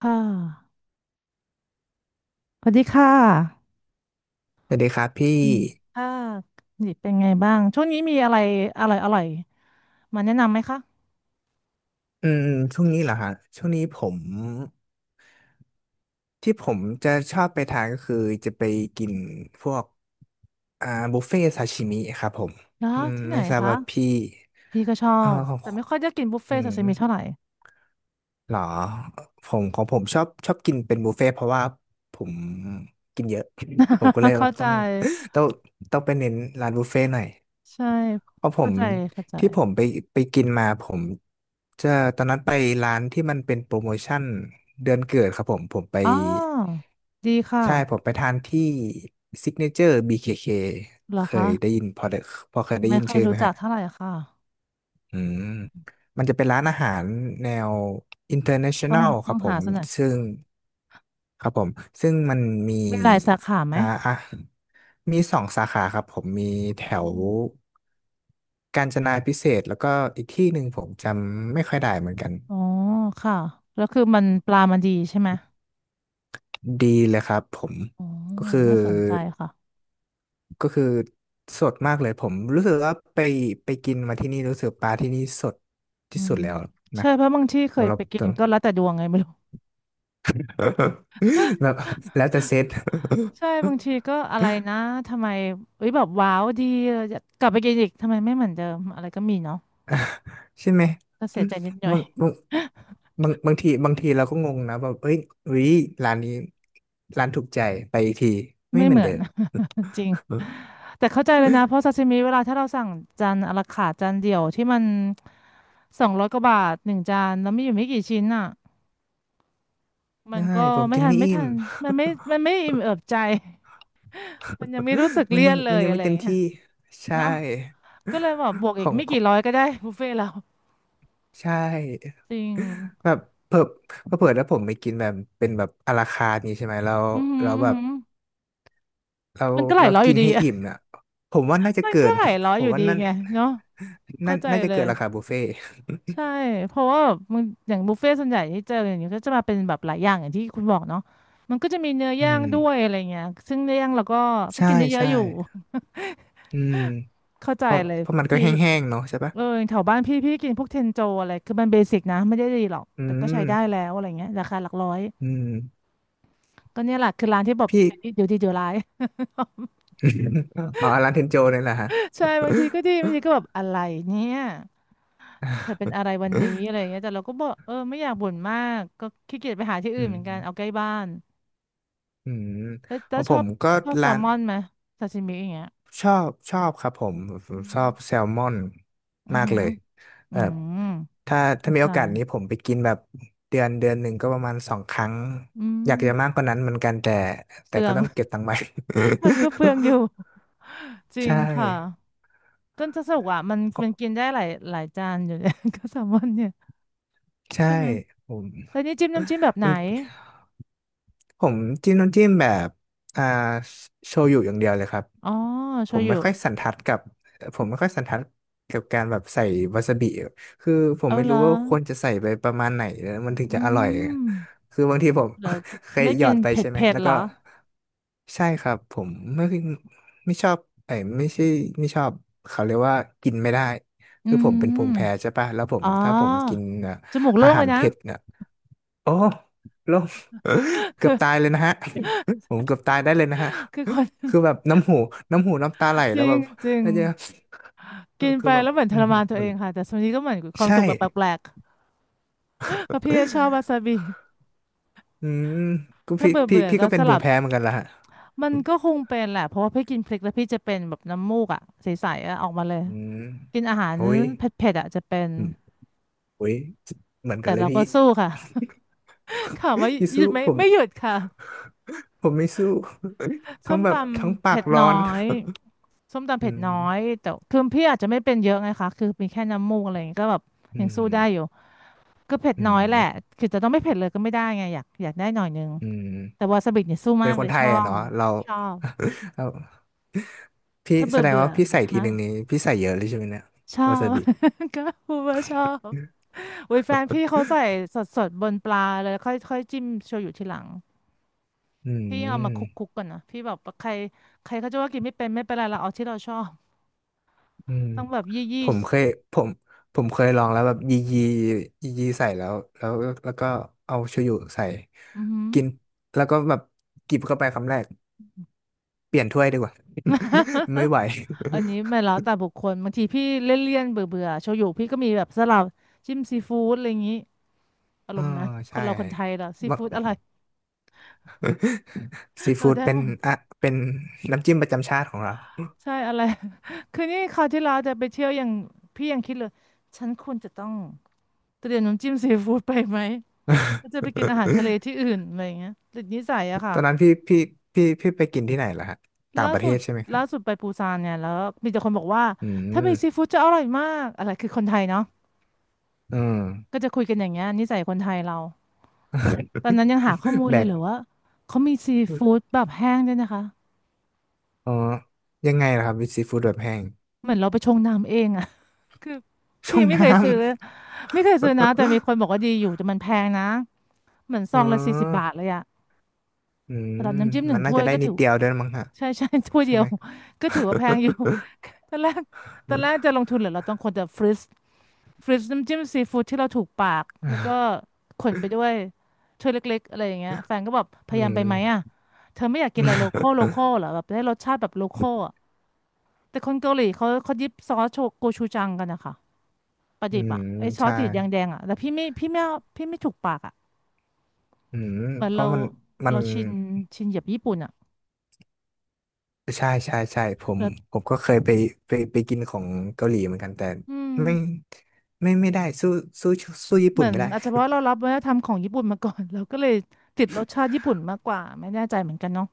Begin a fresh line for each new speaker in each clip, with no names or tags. ค่ะสวัสดีค่ะ
สวัสดีครับพี่
ค่ะนี่เป็นไงบ้าง ช่วงนี้มีอะไรอร่อยอร่อยมาแนะนำไหมคะ
อืมช่วงนี้เหรอฮะช่วงนี้ผมที่ผมจะชอบไปทานก็คือจะไปกินพวกอ่าบุฟเฟ่ซาชิมิครับผม
นะ
อืม
ที่ไหน
ไม่ทราบ
คะ
ว่าพี่
พี่ก็ชอ
อ่อ
บ
ข
แต่
อ
ไม่
ง
ค่อยได้กินบุฟ
อื
เฟ่ต์ซา
ม
ซิมิเท่าไหร่
เหรอผมของผมชอบกินเป็นบุฟเฟ่ต์เพราะว่าผมกินเยอะ ผมก็เลย แบ
เข้า
บ
ใจ
ต้องต้องไปเน้นร้านบุฟเฟ่ต์หน่อย
ใช่
เพราะผ
เข้า
ม
ใจเข้าใจ
ที่ผมไปไปกินมาผมจะตอนนั้นไปร้านที่มันเป็นโปรโมชั่นเดือนเกิดครับผมผมไป
อ๋อดีค่ะ
ใช่ผมไปทานที่ซิกเนเจอร์ BKK
เหรอ
เคเคเค
คะ
ยได้ยินพอเคยได้
ไม่
ยิน
ค่อย
ชื่อไห
รู้
มค
จั
รั
ก
บ
เท่าไหร่ค่ะ
อืมมันจะเป็นร้านอาหารแนว
ต้อง
international ค
ต้อ
รับ
ง
ผ
หา
ม
สักหน่อย
ซึ่ง ครับผมซึ่งมันมี
มีหลายสาขาไหม
อ่าอ่ะมีสองสาขาครับผมมีแถ
อ
ว
ม
กาญจนาพิเศษกแล้วก็อีกที่หนึ่งผมจำไม่ค่อยได้เหมือนกัน
อ๋อค่ะ แล้วคือมันปลามันดีใช่ไหม
ดีเลยครับผม
อ๋อ
ก็คือ
น่าสนใจค่ะ
ก็คือสดมากเลยผมรู้สึกว่าไปกินมาที่นี่รู้สึกปลาที่นี่สด
อื
ที่สุ
ม
ดแล้วนะ
ใช่เพราะบางที่เค
เรา
ยไปกิ
เ
นก็แล้วแต่ดวงไงไม่รู้
แบ บแล้วแต่เซต
ใช่บางทีก็อะไรนะทำไมเอ้ยแบบว้าวดีอยากกลับไปกินอีกทำไมไม่เหมือนเดิมอะไรก็มีเนาะ
ใช่ไหม
ก็เสียใจนิดหน่อย
บางบางบางทีเราก็งงนะแบบเอ้ยอุ้ยร้านนี้ร้านถูกใจไปอีกที ไม่
ไม่
เห
เห
มือน
มือ
เดิ
น
ม
จริงแต่เข้าใจเลยนะเพราะซาซิมิเวลาถ้าเราสั่งจานอะลาคาร์ทจานเดียวที่มัน200 กว่าบาทหนึ่งจานแล้วมีอยู่ไม่กี่ชิ้นอ่ะมัน
ได้
ก็
ผม
ไม่
กิน
ทัน
ไม่
ไม่
อิ่
ทั
ม
นมันไม่มันไม่อิ่มเอิบใจ มันยังไม่รู้สึก เลี่ยนเล
มัน
ย
ยัง
อะ
ไม่
ไรอ
เต็
ย่า
ม
งเงี้ย
ที่ใช่
เนาะ ก็เลยแบบบวกอี
ข
ก
อง
ไม่
ข
กี่
อง
ร้อยก็ได้บุฟเฟ่ต์เรา
ใช่
จริง
แบบเพิ่มเผื่อถ้าผมไปกินแบบเป็นแบบอาราคาร์ทนี้ใช่ไหมเรา
อือหือ
เรา
อือ
แบบ
หือ
เรา
มันก็หลาย
เรา
ร้อยอ
กิน
ยู่ดี
ให้
อะ
อิ่มน่ะผมว่าน่าจะ
มัน
เกิ
ก็
น
หลายร้อย
ผ
อ
ม
ยู่
ว่า
ดี
นั่น
ไงเนาะ
นั่
เข้า
น
ใจ
น่าจะ
เล
เกิ
ย
นราคาบุฟเฟ่ต์
ใช่เพราะว่ามันอย่างบุฟเฟ่ต์ส่วนใหญ่ที่เจออย่างเงี้ยก็จะมาเป็นแบบหลายอย่างอย่างที่คุณบอกเนาะมันก็จะมีเนื้อ
อื
ย่างด้วยอะ
ม
ไรเงี้ยซึ่งเนื้อย่างเราก็
ใช่
กินเยอะ
ใช่
ๆอยู่
อืม
เข้าใจ
เพราะ
เลย
เพราะมันก็
พี่
แห้งๆเนาะใช่ปะ
เออแถวบ้านพี่กินพวกเทนโจอะไรคือมันเบสิกนะไม่ได้ดีหรอก
อื
แต่ก็ใช้ได้แล้
ม
วอะไรเงี้ยราคาหลักร้อย
อืม
ก็เนี่ยแหละคือร้านที่แบบ
พี่
เดี๋ยวดีเดี๋ยวร้าย
อ๋อร้านเทนโจเนี่ยแหละฮะ
ใช่บางทีก็ดีบางทีก็แบบอะไรเนี่ยเธอเป็นอะไรวันนี้อะไรอย่างเงี้ยแต่เราก็บอกเออไม่อยากบ่นมากก็ขี้เกียจไปหาที่ อื่
อื
นเห
ม
มือนกันเอาใกล้บ้าน
อืม
แล้ว
ข
แล้
อ
ว
งผมก็
ชอบแซ
ร้า
ล
น
มอนไหมซาชิมิอย่างเงี้ย
ชอบครับผมผม
อื
ชอบแซ
ม
ลมอน
อือ
มาก
หื
เล
อ
ย
อื
แบบ
ม
ถ้า
เข้า
มี
ใจ
โอกาสนี้ผมไปกินแบบเดือนหนึ่งก็ประมาณสองครั้ง
อื
อยากจะมาก
ม
กว่านั้นเหมือนกันแต่
เป
แต่
ลือ
ก็
ง
ต้องเก็บตังค์ไว้
มันก็เปลืองอยู่จ ริง
ใช่
ค่ะก็จะสนุกอ่ะมันกินได้หลายจานอยู่เลย ก็แซลมอนเนี่ย
ใช่
ใช่ไหม
ผม
แล้วนี่จิ้มน้ำจิ้มแบบไหน
มันผมจิ้มน้ำจิ้มแบบอ่าโชยุอย่างเดียวเลยครับ
อ๋อ
ผ
โช
ม
ยุ
ไม่ค่อยสันทัดกับผมไม่ค่อยสันทัดกับการแบบใส่วาซาบิคือผม
เอา
ไม่
เหร
รู้
อ
ว่าควรจะใส่ไปประมาณไหนแล้วมันถึง
อื
จะอร่อย
ม
คือบางทีผม
เหรอ
เคย
ไม่
หยอ
กิน
ดไป
เผ็ด
ใช่ไหม
เผ็ด
แล้ว
เหร
ก็
อ
ใช่ครับผมไม่ไม่ชอบไอ้ยไม่ใช่ไม่ชอบเขาเรียกว่ากินไม่ได้
อื
คือผมเป็นภู
ม
มิแพ้ใช่ป่ะแล้วผม
อ๋อ
ถ้าผมกินอ่ะ
จมูก
อา
โล่ง
หา
เล
ร
ยนะ
เผ็ดเนี่ย โอ้ลง เกือ
คื
บ
อ
ตายเลยนะฮะ ผมเกือบตายได้เลยนะฮะ
คน
คือแบบน้ำหูน้ำหูน้ำตาไหล
จ
แล้ว
ริ
แบ
ง
บ
จริง
น่าจะ
กิน
คื
ไป
อแบบ
แล้วเหมือนท
อื
ร
ม
มานตัว
มั
เอ
น
งค่ะแต่ส่วนนี้ก็เหมือนความ
ใช่
สุขแบบแปลกๆเพราะพี่ชอบวาซา บิ
อืมก็
ถ้า
พี่
เบื่อ
พี่
เบื่อ
พี่
ก็
ก็เป็
ส
นภู
ลั
มิ
บ
แพ้เหมือนกันละฮะ
มันก็คงเป็นแหละเพราะว่าพี่กินพริกแล้วพี่จะเป็นแบบน้ำมูกอ่ะใสๆอะออกมาเลย
อืม
กินอาหาร
โอ้ย
เผ็ดๆอ่ะจะเป็น
อืมโอ้ยเหมือนกั
แต่
นเลย
เรา
พี่
ก็สู้ค่ะ ค่ะว่า
พี่
หยุ
สู้
ดไหม
ผม
ไม่หยุดค่ะ
ผมไม่สู้
ส้
ทั้ง
ม
แบ
ต
บทั้ง
ำ
ปา
เผ็
ก
ด
ร้อ
น้อ
น
ย ส้มตำ
อื
เผ็ดน้อ
ม
ยแต่คือพี่อาจจะไม่เป็นเยอะไงคะคือมีแค่น้ำมูกอะไรอย่างงี้ก็แบบ
อื
ยังสู้ได้อยู่
ม
ก็เผ็ด
อื
น้อยแหละ
ม
คือจะต้องไม่เผ็ดเลยก็ไม่ได้ไงอยากได้หน่อยนึง
อืม
แต่วาซาบิเนี่ยสู้
เป็
มา
น
ก
ค
เล
น
ย
ไท
ช
ย
อ
อะ
บ
เนาะเรา
ชอบ
เราพี่
ถ้า
แส
เบื่อ
ดง
เบื่อ
ว่าพี่ใส่ที
ฮะ
หนึ่งนี้พี่ใส่เยอะเลยใช่ไหมเนี่ย
ชอ
วาซา
บ
บิ
ก็พูดว่าชอบอุ้ยแฟนพี่เขาใส่ สดสดบนปลาเลยค่อยค่อยจิ้มโชยุทีหลัง
อื
พี่ยังเอามา
ม
คลุกคุกก่อนนะพี่แบบใครใครเขาจะว่ากินไม่เป็นไม่เป็นไรเราเอาที่เราชอบ
อืม
ต้องแบบยี่
ผ
ยี่
มเคยผมผมเคยลองแล้วแบบยียียียีใส่แล้วแล้วก็เอาโชยุใส่
อือหื
กินแล้วก็แบบกิบเข้าไปคำแรกเปลี่ยนถ้วยดีกว่า
อ
ไม่ไหว
อันนี้ไม่แล้วแต่บุคคลบางทีพี่เลี่ยนๆเบื่อเบื่อโชยุพี่ก็มีแบบสลับจิ้มซีฟู้ดอะไรอย่างนี้อา ร
อ่า
มณ์นั้นค
ใช่
นเราคนไทยเหรอซี
ว่า
ฟู้ดอะไร
ซี
เรา
ฟู้ด
ได้
เป็
หม
น
ด
อ่ะเป็นน้ำจิ้มประจำชาติของเรา
ใช่อะไร คือนี่คราวที่เราจะไปเที่ยวอยางพี่ยังคิดเลยฉันควรจะต้องเตรียมน้ำจิ้มซีฟู้ดไปไหมก็จะไปกินอาหารทะเล ที่อื่นอะไรอย่างเงี้ยติดนิสัยอะ
ต
ค่ะ
อนนั้นพี่ไปกินที่ไหนล่ะฮะต่า
ล่า
งประเท
สุด
ศใช่ไหมครั
ล่าสุ
บ
ดไปปูซานเนี่ยแล้วมีแต่คนบอกว่า
อื
ถ้ามีซี
ม
ฟู้ดจะอร่อยมากอะไรคือคนไทยเนาะ
อืม
ก็จะคุยกันอย่างเงี้ยนิสัยคนไทยเรา ตอนนั้นยังหาข้อ มูล
แบ
เลย
ก
เหรือว่าเขามีซีฟู้ดแบบแห้งด้วยนะคะ
อ๋อยังไงล่ะครับวิซีฟู้ดแบบแห้ง
เหมือนเราไปชงน้ำเองอะ คือ
ช่
พี่
อง
ไม่เค
น้
ยซื้อ
ำ
ไม่เคยซื้อนะแต่มีคนบอกว่าดีอยู่แต่มันแพงนะเหมือนซ
อ๋
อ
อ
งละ40 บาทเลยอะ
อืม
สำหรับน้ำจิ้มหนึ่
มั
ง
นน่า
ถ้ว
จะ
ย
ได้
ก็
นิ
ถื
ด
อ
เดียวด้วยมั้งฮะ
ใช่ใช่ถ้วย
ใช่
เดียว
ไหม
ก็ถือว่าแพงอยู่ ตอนแรกตอนแรก จะลงทุนเหรือเราต้องคนจะฟรีซน้ำจิ้มซีฟู้ดที่เราถูกปากแล้วก็ขนไปด้วยถ้วยเล็กๆอะไรอย่างเงี้ยแฟนก็แบบพ
อื
ยายามไปไหมอะ
ม
เธอไม่อยากกินอะไรโล คอลโลคอลเหรอแบบได้รสชาติแบบโลคอล แต่คนเกาหลีเขายิบซอสโชโกชูจังกันนะคะปลา
อื
ดิบ
ม
อ่ะไอซอส
ใช่
ติดแดงๆอ่ะแต่พี่ไม่เอาพี่ไม่ถูกปากอ่ะ
อืม
เหมือน
เพราะ
เรา
มัน
เราชินแบบญี่ปุ่นอ่ะ
ใช่ใช่ใช่ผม
แล้ว
ผมก็เคยไปกินของเกาหลีเหมือนกันแต่
อืม
ไม่ไม่ไม่ได้สู้สู้ญี่
เห
ปุ่
มื
น
อน
ไม่ได้
อาจจะเพราะเรารับวัฒนธรรมของญี่ปุ่นมาก่อน เราก็เลยติดรสชาติญี่ปุ่นมากกว่าไม่แน่ใจเหมือนกันเนาะ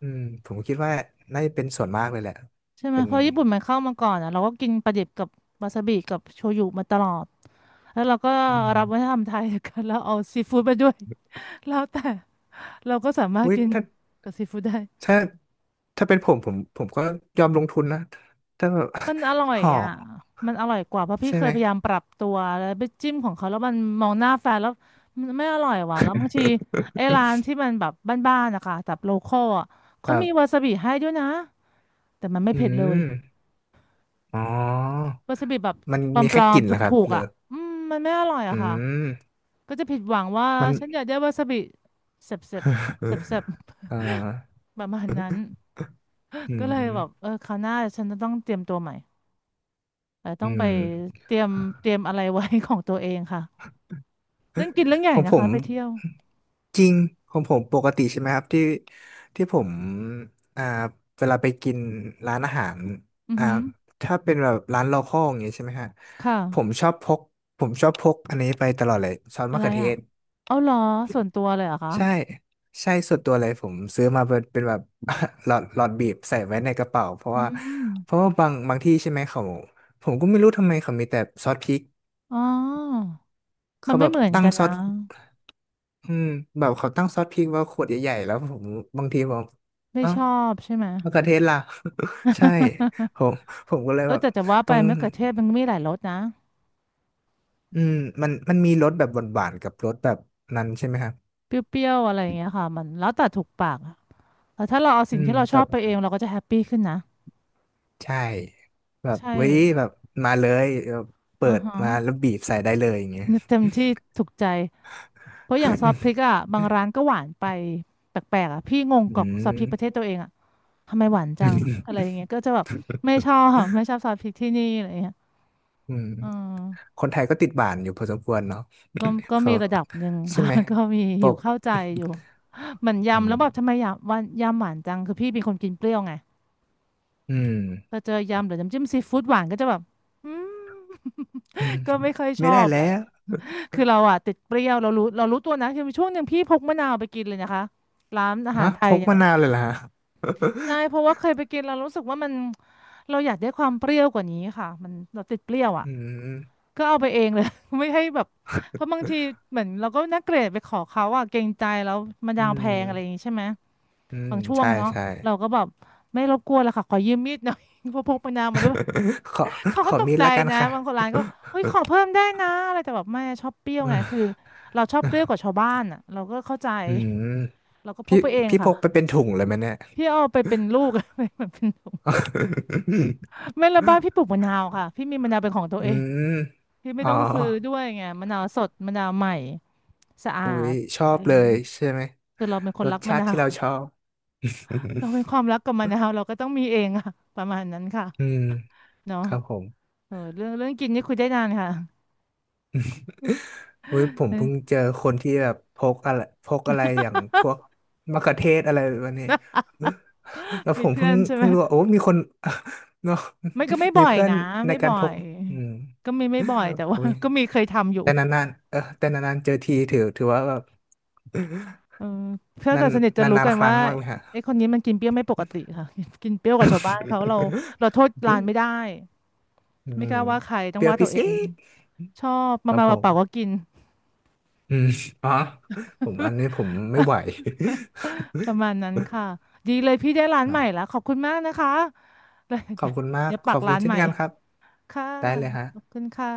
อืมผมคิดว่าน่าจะเป็นส่วนมากเลยแหละ
ใช่ไหม
เป็น
เพราะญี่ปุ่นมันเข้ามาก่อนอ่ะเราก็กินปลาดิบกับวาซาบิกับโชยุมาตลอดแล้วเราก็
อืม
รับวัฒนธรรมไทย กันแล้วเอาซีฟู้ดมาด้วย แล้วแต่เราก็สามารถ
อุ้ย
กิน
ถ้า
กับซีฟู้ดได้
ถ้าถ้าเป็นผมผมก็ยอมลงทุนนะถ้าแบบ
มันอร่อย
ห่อ
อ่ะมันอร่อยกว่าเพราะพี่
ใช่
เค
ไห
ย
ม
พยายามปรับตัวแล้วไปจิ้มของเขาแล้วมันมองหน้าแฟนแล้วมันไม่อร่อยว่ะแล้วบางทีไอ้ร้านที่มันแบบบ้านๆนะคะแบบโลคอลอ่ะ
ค
เขา
รั
มีวา
บ
ซาบิให้ด้วยนะแต่มันไม่
อื
เผ็ดเล
ม
ย
อ๋อ
วาซาบิแบบ
มัน
ป
มี
ล
แค่
อ
ก
ม
ลิ่น
ๆถ
เหรอครับ
ูก
เล
ๆอ่ะ
ย
อืมมันไม่อร่อย
ออื
อะค่ะ
ม
ก็จะผิดหวังว่า
มัน
ฉันอยากได้วาซาบิเสบเสบเสบเส บ
เอ่อ
ๆ ประมาณนั้น
อื
ก็เลยแบบ
ม
เออคราวหน้าฉันจะต้องเตรียมตัวใหม่เออต้
อื
องไป
ม
เตรียมเตรียมอะไรไว้ ของตัวเองค่ะ เรื่องกินเรื่องให
ข
ญ่
อง
นะ
ผ
คะ
ม
ไปเที่ยว
จริงของผมปกติใช่ไหมครับที่ที่ผมอ่าเวลาไปกินร้านอาหาร
อือ
อ่า
หือ
ถ้าเป็นแบบร้านโลคอลอย่างเงี้ยใช่ไหมฮะ
ค่ะ
ผมชอบพกผมชอบพกอันนี้ไปตลอดเลยซอส
อะ
มะ
ไร
เขือเท
อ่ะ
ศ
เอาเหรอส่วนตัวเลยเหรอคะ
ใช่ใช่ส่วนตัวเลยผมซื้อมาเป็นแบบ หลอดบีบใส่ไว้ในกระเป๋าเพราะ
อื
ว่า
ม
เพราะว่าบางที่ใช่ไหมเขาผมก็ไม่รู้ทำไมเขามีแต่ซอสพริก
อ๋อมั
เขา
นไม่
แบบ
เหมือน
ตั้ง
กัน
ซอ
นะ
สอืมแบบเขาตั้งซอสพริกว่าขวดใหญ่ๆแล้วผมบางทีผม
ไม่
เอ้า
ชอบใช่ไหม
มะเขือเทศล่ะ ใช่ผ
ใช่
มผมก็เลย
เออ
แบบ
แต่จะว่าไป
ต้อง
มะเขือเทศมันก็มีหลายรสนะ
อืมมันมีรสแบบหวานๆกับรสแบบนั้นใช่ไหมครับ
เปรี้ยวๆอะไรอย่างเงี้ยค่ะมันแล้วแต่ถูกปากอะแต่ถ้าเราเอา
อื
สิ่ง
ม
ที่เราช
แต่
อบไปเองเราก็จะแฮปปี้ขึ้นนะ
ใช่แบบ
ใช่
เว้ยแบบมาเลยแบบเปิ
อือ
ด
ฮะ
มาแล้วบีบใส่ได้เลยอย่างเงี้ย
เนี่ยเต็มที่ถูกใจ เพราะอย่างซอสพริกอ่ะบางร้านก็หวานไปแปลกๆอ่ะพี่งง
อื
กับซอส
ม
พริกป ระเทศตัวเองอ่ะ ทำไมหวาน
อื
จังอะไร
ม
อย่างเงี้ยก็จะแบบไม่ชอบ ไม่ชอบซอสพริกที่นี่อะไรอย่างเงี้ยเอืม
คนไทยก็ติดหวานอยู่พอสมควรเนาะ
ก็ก็
เขา
มีระดับหนึ่ง
ใช่
ค่ะ
ไหม
ก็มี
ป
อยู่
ก
เข้าใจอยู่เหมือน
อื
ยำ
ม
แล้วแบบทำไมยำวันยำหวานจังคือพี่เป็นคนกินเปรี้ยวไง
อืม
พอเจอยำหรือน้ำจิ้มซีฟู้ดหวานก็จะแบบอืม
อืม
ก็ไม่ค่อยช
ไม่
อ
ได้
บ
แล้
แหละ
ว
คือเราอะติดเปรี้ยวเรารู้ตัวนะคือมีช่วงหนึ่งพี่พกมะนาวไปกินเลยนะคะร้านอาหา
ฮะ
รไท
พ
ย
ก
เนี่ย
มะ
แหละ
นาวเลยล่ะ
ใช่เพราะว่าเคยไปกินเรารู้สึกว่ามันเราอยากได้ความเปรี้ยวกว่านี้ค่ะมันเราติดเปรี้ยวอ่ะ
อืม
ก็เอาไปเองเลย ไม่ให้แบบเพราะบางทีเหมือนเราก็นักเกรดไปขอเขาอะเกรงใจแล้วมัน
อื
ดาวแพงอะไรอย่างงี้
ม
ใช่ไหม
อืม
บางช่วง
ใช่
เนาะ
ใช่
เราก็แบบไม่รบกวนละค่ะขอยืมมีดหน่อย เพราะพกมะนาวมาด้วย
ขอ
เขา
ข
ก็
อ
ตก
มีด
ใจ
ละกัน
นะ
ค่ะ
บางคนร้านก็เฮ้ยขอเพิ่มได้นะอะไรแต่แบบไม่ชอบเปรี้ย ว
อื
ไงคือ
ม
เราชอบเปรี้ยวกว่าชาวบ้านอะเราก็เข้าใจ
อืม
เราก็พ
พี่
กไปเอง
พี่พ
ค่ะ
กไปเป็นถุงเลยไหมเนี่ย
พี่เอาไปเป็นลูก ไม่เหมือนเป็นถุง ไม่ละบ้านพี่ปลูกมะนาวค่ะพี่มีมะนาวเป็นของตัว
อื
เอง
ม
พี่ไม่
อ๋อ
ต้องซื้อด้วยไงมะนาวสดมะนาวใหม่ สะอา
อุ้ย
ด
ชอ
อะ
บ
ไรอย่า
เล
งเงี้ย
ยใช่ไหม
คือเราเป็นค
ร
น
ส
รักมะ
ชาติ
นา
ที่
ว
เราชอบ
เราเป็นความรักกับมะนาวเราก็ต้องมีเองอะประมาณนั้นค่ะ
อืม
เนาะ
ครับผม
เออเรื่องกินนี่คุยได้นานค่ะ
อุ้ยผมเพิ่ง
เออ
เจอคนที่แบบพกอะไรอย่างพวกมะเขือเทศอะไรแบบนี้ แล้วผ
มี
ม
เพื่อนใช่ไหม
เพิ่งรู้ว่าโอ้มีคน เนาะ
ไม่ก็ไม่
มี
บ่อย
เพื่อน
นะ
ใน
ไม่
กา
บ่
ร
อ
พก
ย
อืม
ก็มีไม่บ่อยแต่ว่า
โอ้ย
ก็มีเคยทำอยู่
แต่นานๆเจอทีถือถือว่าแบบ
เออเพื่อ น
นา
กั
น
บสนิทจะรู้
นาน
กั
ๆ
น
ครั้
ว่า
งมากเลยฮะ
ไอ้คนนี้มันกินเปรี้ยวไม่ปกติค่ะ กินเปรี้ยวกว่าชาวบ้านเขาเราโทษร้านไม่ ได้
อื
ไม่ก
ม
ล้าว่าใครต้อ
เป
ง
รี้ยว
ว่าตั
พิ
วเอ
เศ
ง
ษ
ชอบ
ค
มา
รับผ
มาเป
ม
ล่าๆก็กิน
อืม อ๋อผมอันนี้ผมไม่ไหว
ประมาณนั้นค่ะดีเลยพี่ได้ร้านใหม่แล้
อ่ะ
วขอบคุณมากนะคะ
ขอบคุณมา ก
เดี๋ยว
ข
ปั
อ
ก
บคุ
ร้า
ณ
น
เช่
ให
น
ม่
กันครับ
ค่ะ
ได้เลยฮะ
ขอบคุณค่ะ